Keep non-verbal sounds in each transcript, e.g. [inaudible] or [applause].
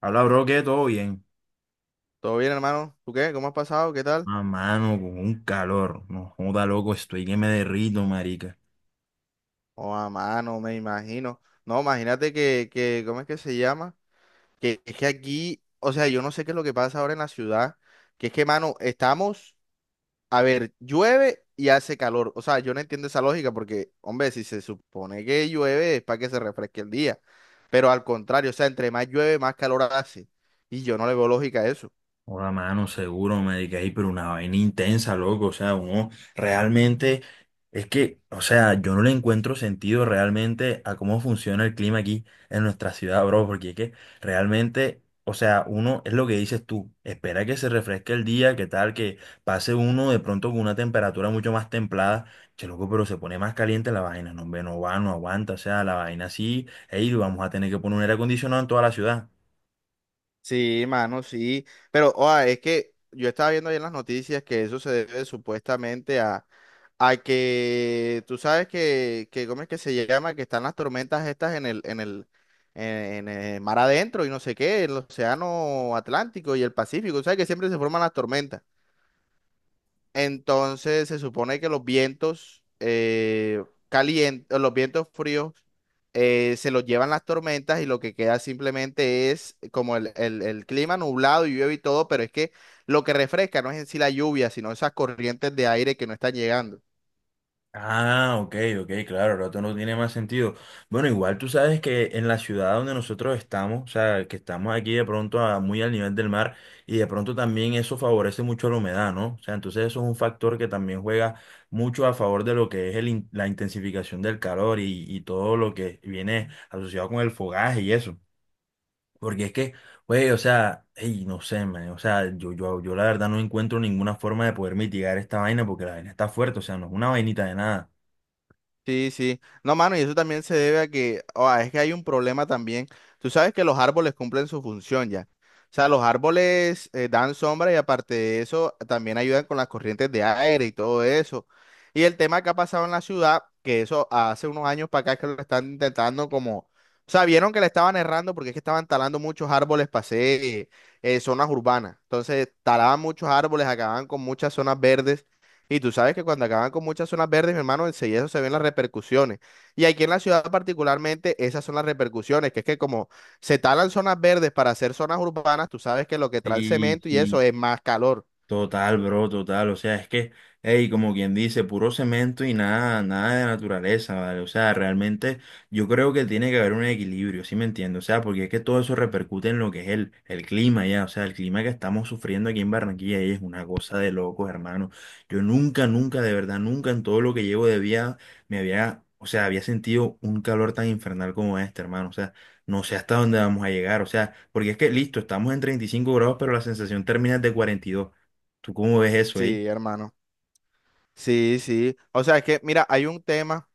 Habla, bro, que todo bien. ¿Todo bien, hermano? ¿Tú qué? ¿Cómo has pasado? ¿Qué tal? Ah, mano, con un calor. No joda, loco, estoy que me derrito, marica. Oh, a mano, me imagino. No, imagínate que, ¿cómo es que se llama? Que es que aquí, o sea, yo no sé qué es lo que pasa ahora en la ciudad, que es que, mano, estamos, a ver, llueve y hace calor. O sea, yo no entiendo esa lógica porque, hombre, si se supone que llueve es para que se refresque el día, pero al contrario, o sea, entre más llueve, más calor hace. Y yo no le veo lógica a eso. Hola, mano, seguro, me dediqué ahí, pero una vaina intensa, loco. O sea, uno realmente es que, o sea, yo no le encuentro sentido realmente a cómo funciona el clima aquí en nuestra ciudad, bro, porque es que realmente, o sea, uno es lo que dices tú, espera que se refresque el día, que tal, que pase uno de pronto con una temperatura mucho más templada. Che, loco, pero se pone más caliente la vaina, no, hombre, no va, no aguanta, o sea, la vaina sí, ey, vamos a tener que poner un aire acondicionado en toda la ciudad. Sí, mano, sí. Pero, oa, es que yo estaba viendo ahí en las noticias que eso se debe supuestamente a que tú sabes que, ¿cómo es que se llama? Que están las tormentas estas en el, en el mar adentro y no sé qué, el océano Atlántico y el Pacífico. Tú sabes que siempre se forman las tormentas. Entonces se supone que los vientos calientes, los vientos fríos se los llevan las tormentas y lo que queda simplemente es como el clima nublado y llueve y todo, pero es que lo que refresca no es en sí la lluvia, sino esas corrientes de aire que no están llegando. Ah, ok, ok, claro, el otro no tiene más sentido. Bueno, igual tú sabes que en la ciudad donde nosotros estamos, o sea, que estamos aquí de pronto muy al nivel del mar y de pronto también eso favorece mucho la humedad, ¿no? O sea, entonces eso es un factor que también juega mucho a favor de lo que es el la intensificación del calor y, todo lo que viene asociado con el fogaje y eso. Porque es que, güey, o sea, ey, no sé, man, o sea, yo la verdad no encuentro ninguna forma de poder mitigar esta vaina porque la vaina está fuerte, o sea, no es una vainita de nada. Sí, sí. No, mano, y eso también se debe a que, oh, es que hay un problema también. Tú sabes que los árboles cumplen su función ya. O sea, los árboles dan sombra y aparte de eso, también ayudan con las corrientes de aire y todo eso. Y el tema que ha pasado en la ciudad, que eso hace unos años para acá que lo están intentando como, o sea, vieron que le estaban errando porque es que estaban talando muchos árboles para hacer zonas urbanas. Entonces, talaban muchos árboles, acababan con muchas zonas verdes. Y tú sabes que cuando acaban con muchas zonas verdes, mi hermano, enseguida eso se ven las repercusiones. Y aquí en la ciudad particularmente, esas son las repercusiones, que es que como se talan zonas verdes para hacer zonas urbanas, tú sabes que lo que trae el Sí, cemento y eso sí. es más calor. Total, bro, total. O sea, es que, hey, como quien dice, puro cemento y nada, nada de naturaleza, ¿vale? O sea, realmente yo creo que tiene que haber un equilibrio, ¿sí me entiendes? O sea, porque es que todo eso repercute en lo que es el clima ya. O sea, el clima que estamos sufriendo aquí en Barranquilla ey, es una cosa de locos, hermano. Yo nunca, nunca, de verdad, nunca en todo lo que llevo de vida me había, o sea, había sentido un calor tan infernal como este, hermano. O sea, no sé hasta dónde vamos a llegar. O sea, porque es que, listo, estamos en 35 grados, pero la sensación térmica es de 42. ¿Tú cómo ves eso ahí? Sí, hermano. Sí, sí. O sea, es que, mira, hay un tema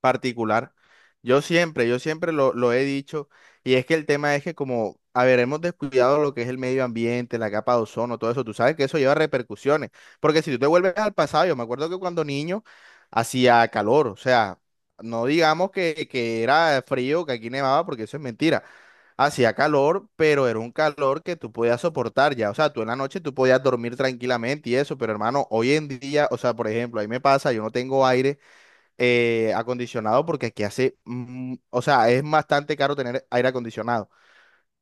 particular. Yo siempre lo he dicho, y es que el tema es que como, a ver, hemos descuidado lo que es el medio ambiente, la capa de ozono, todo eso, tú sabes que eso lleva repercusiones, porque si tú te vuelves al pasado, yo me acuerdo que cuando niño hacía calor, o sea, no digamos que era frío, que aquí nevaba, porque eso es mentira, hacía calor, pero era un calor que tú podías soportar ya, o sea, tú en la noche tú podías dormir tranquilamente y eso, pero hermano, hoy en día, o sea, por ejemplo, ahí me pasa, yo no tengo aire acondicionado porque aquí hace, o sea, es bastante caro tener aire acondicionado.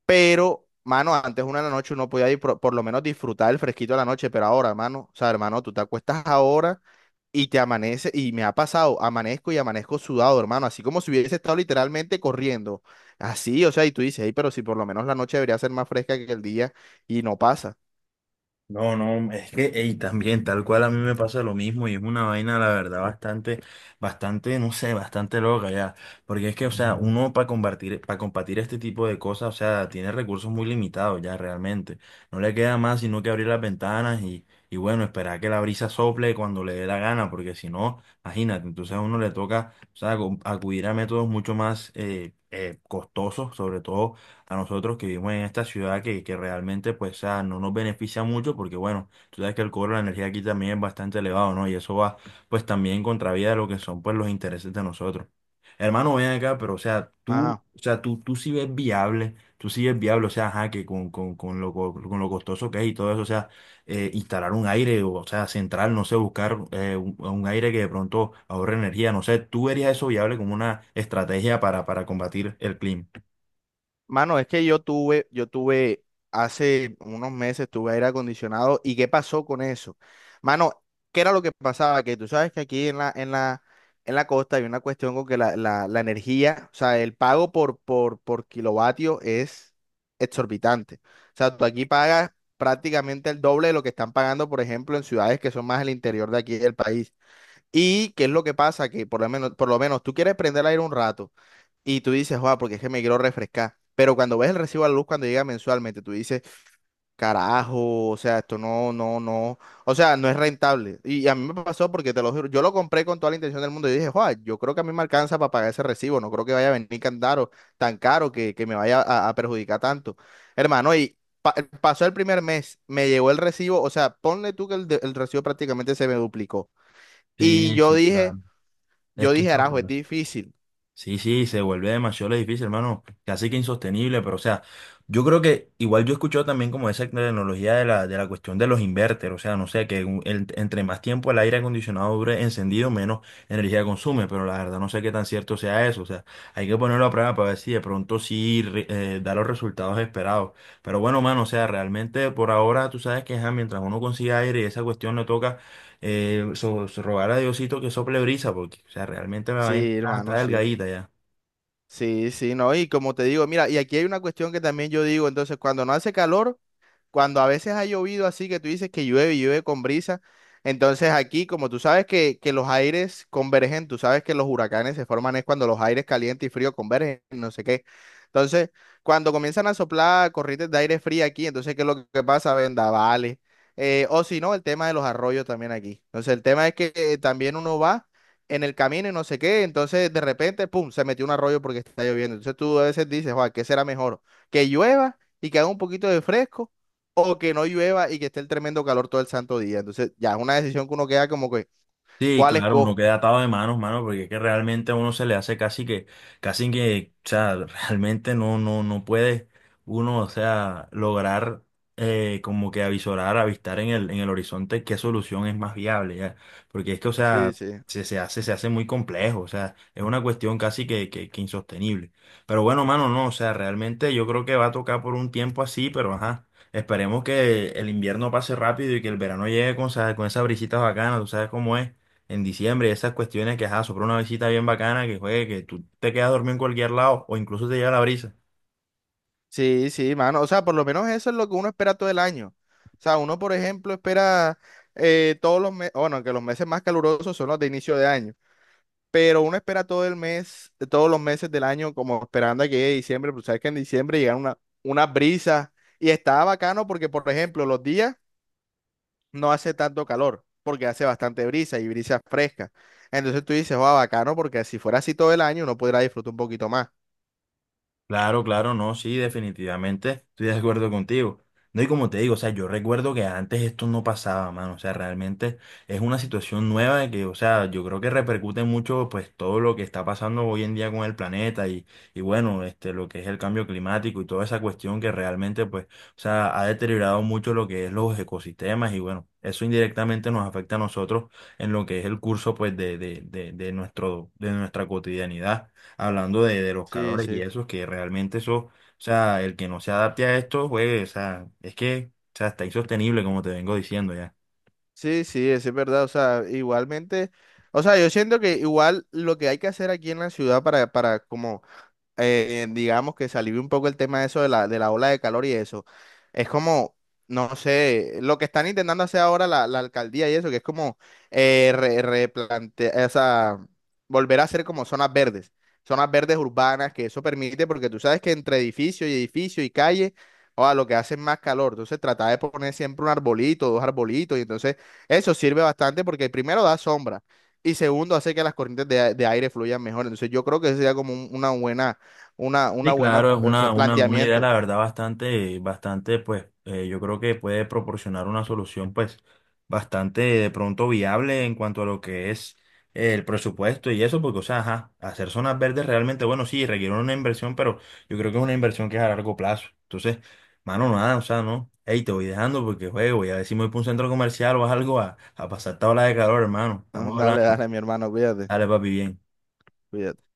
Pero, mano, antes una de la noche uno podía ir por lo menos disfrutar el fresquito de la noche, pero ahora, mano, o sea, hermano, tú te acuestas ahora y te amanece, y me ha pasado, amanezco y amanezco sudado, hermano, así como si hubiese estado literalmente corriendo. Así, o sea, y tú dices, hey, pero si por lo menos la noche debería ser más fresca que el día y no pasa. No, no, es que ey, también tal cual a mí me pasa lo mismo y es una vaina, la verdad, bastante, bastante, no sé, bastante loca ya. Porque es que, o sea, uno para combatir este tipo de cosas, o sea, tiene recursos muy limitados ya realmente. No le queda más sino que abrir las ventanas y bueno, esperar que la brisa sople cuando le dé la gana, porque si no, imagínate, entonces a uno le toca, o sea, acudir a métodos mucho más costosos, sobre todo a nosotros que vivimos en esta ciudad que realmente pues o sea, no nos beneficia mucho porque bueno, tú sabes que el cobro de la energía aquí también es bastante elevado, ¿no? Y eso va pues también en contravía de lo que son pues los intereses de nosotros. Hermano, ven acá, pero Ajá. o sea, tú sí ves viable, tú sí ves viable, o sea, ajá, que con lo, con lo costoso que es y todo eso, o sea, instalar un aire, o sea, central, no sé, buscar un aire que de pronto ahorre energía, no sé, ¿tú verías eso viable como una estrategia para combatir el clima? Mano, es que yo tuve hace unos meses tuve aire acondicionado y ¿qué pasó con eso? Mano, ¿qué era lo que pasaba? Que tú sabes que aquí en la, en la costa hay una cuestión con que la energía, o sea, el pago por kilovatio es exorbitante. O sea, tú aquí pagas prácticamente el doble de lo que están pagando, por ejemplo, en ciudades que son más el interior de aquí del país. Y qué es lo que pasa, que por lo menos tú quieres prender el aire un rato y tú dices, joa, porque es que me quiero refrescar. Pero cuando ves el recibo de la luz cuando llega mensualmente, tú dices, carajo, o sea, esto no, o sea, no es rentable. Y a mí me pasó porque te lo juro, yo lo compré con toda la intención del mundo y dije, joa, yo creo que a mí me alcanza para pagar ese recibo, no creo que vaya a venir tan caro que me vaya a perjudicar tanto. Hermano, y pa- pasó el primer mes, me llegó el recibo, o sea, ponle tú que el recibo prácticamente se me duplicó. Y Sí, yo sí, dije... claro. Es Yo que dije, eso, Arajo, es pues, difícil. sí, sí, se vuelve demasiado difícil, hermano. Casi que insostenible, pero o sea, yo creo que igual yo he escuchado también como esa tecnología de la cuestión de los inverter, o sea, no sé, que entre más tiempo el aire acondicionado dure encendido, menos energía consume, pero la verdad no sé qué tan cierto sea eso, o sea, hay que ponerlo a prueba para ver si de pronto sí da los resultados esperados. Pero bueno, mano, o sea, realmente por ahora tú sabes que ajá, mientras uno consiga aire y esa cuestión le toca so rogar a Diosito que sople brisa, porque o sea, realmente la vaina Sí, está, hermano, está sí. delgadita ya. Sí, sí, no. Y como te digo, mira, y aquí hay una cuestión que también yo digo, entonces, cuando no hace calor... cuando a veces ha llovido así que tú dices que llueve y llueve con brisa, entonces aquí, como tú sabes que los aires convergen, tú sabes que los huracanes se forman es cuando los aires caliente y frío convergen, no sé qué. Entonces, cuando comienzan a soplar corrientes de aire frío aquí, entonces, ¿qué es lo que pasa? Vendavales. O si no, el tema de los arroyos también aquí. Entonces, el tema es que también uno va en el camino y no sé qué, entonces de repente, pum, se metió un arroyo porque está lloviendo. Entonces tú a veces dices, Juan, ¿qué será mejor? ¿Que llueva y que haga un poquito de fresco? ¿O que no llueva y que esté el tremendo calor todo el santo día? Entonces, ya es una decisión que uno queda como que, Sí, ¿cuál claro, uno escojo? queda atado de manos, mano, porque es que realmente a uno se le hace casi que, o sea, [laughs] realmente no, no, no puede uno, o sea, lograr como que avisorar, avistar en en el horizonte qué solución es más viable, ya. Porque es que, o Sí, sea, sí. se, se hace muy complejo, o sea, es una cuestión casi que, que insostenible. Pero bueno, mano, no, o sea, realmente yo creo que va a tocar por un tiempo así, pero ajá. Esperemos que el invierno pase rápido y que el verano llegue con, con esas brisitas bacanas, tú sabes cómo es en diciembre, esas cuestiones que, ajá, sopla una visita bien bacana, que juegue, que tú te quedas dormido en cualquier lado o incluso te lleva la brisa. Sí, sí, mano. O sea, por lo menos eso es lo que uno espera todo el año. O sea, uno, por ejemplo, espera todos los meses, bueno, que los meses más calurosos son los de inicio de año, pero uno espera todo el mes, todos los meses del año como esperando a que llegue diciembre, pero sabes que en diciembre llegan una, unas brisas y está bacano porque, por ejemplo, los días... no hace tanto calor, porque hace bastante brisa y brisa fresca. Entonces tú dices, va, bacano, porque si fuera así todo el año, uno podrá disfrutar un poquito más. Claro, claro, no, sí, definitivamente estoy de acuerdo contigo. No, y como te digo, o sea, yo recuerdo que antes esto no pasaba, mano, o sea, realmente es una situación nueva de que, o sea, yo creo que repercute mucho, pues, todo lo que está pasando hoy en día con el planeta y bueno, este, lo que es el cambio climático y toda esa cuestión que realmente, pues, o sea, ha deteriorado mucho lo que es los ecosistemas y bueno, eso indirectamente nos afecta a nosotros en lo que es el curso, pues, de nuestro, de nuestra cotidianidad hablando de los Sí, calores y sí. eso, que realmente eso, o sea, el que no se adapte a esto, pues, o sea, es que, o sea, está insostenible, como te vengo diciendo ya. Sí, sí, eso es verdad. O sea, igualmente, o sea, yo siento que igual lo que hay que hacer aquí en la ciudad para como digamos que se alivie un poco el tema de eso de la ola de calor y eso. Es como, no sé, lo que están intentando hacer ahora la alcaldía y eso, que es como replantear, o sea, volver a hacer como zonas verdes urbanas, que eso permite, porque tú sabes que entre edificio y edificio y calle, o lo que hace es más calor. Entonces, trata de poner siempre un arbolito, dos arbolitos, y entonces eso sirve bastante porque primero da sombra. Y segundo, hace que las corrientes de, de aire fluyan mejor. Entonces, yo creo que eso sería como una buena, una Sí, buena, claro, es o sea, una idea, planteamiento. la verdad, bastante, bastante, pues, yo creo que puede proporcionar una solución, pues, bastante de pronto viable en cuanto a lo que es el presupuesto y eso, porque, o sea, ajá, hacer zonas verdes realmente, bueno, sí, requiere una inversión, pero yo creo que es una inversión que es a largo plazo. Entonces, mano, nada, o sea, no, hey, te voy dejando porque juego, y a ver si me voy para un centro comercial o algo a pasar esta ola de calor, hermano. [laughs] Estamos Dale, hablando, dale, mi hermano, cuídate, dale, papi, bien. cuídate.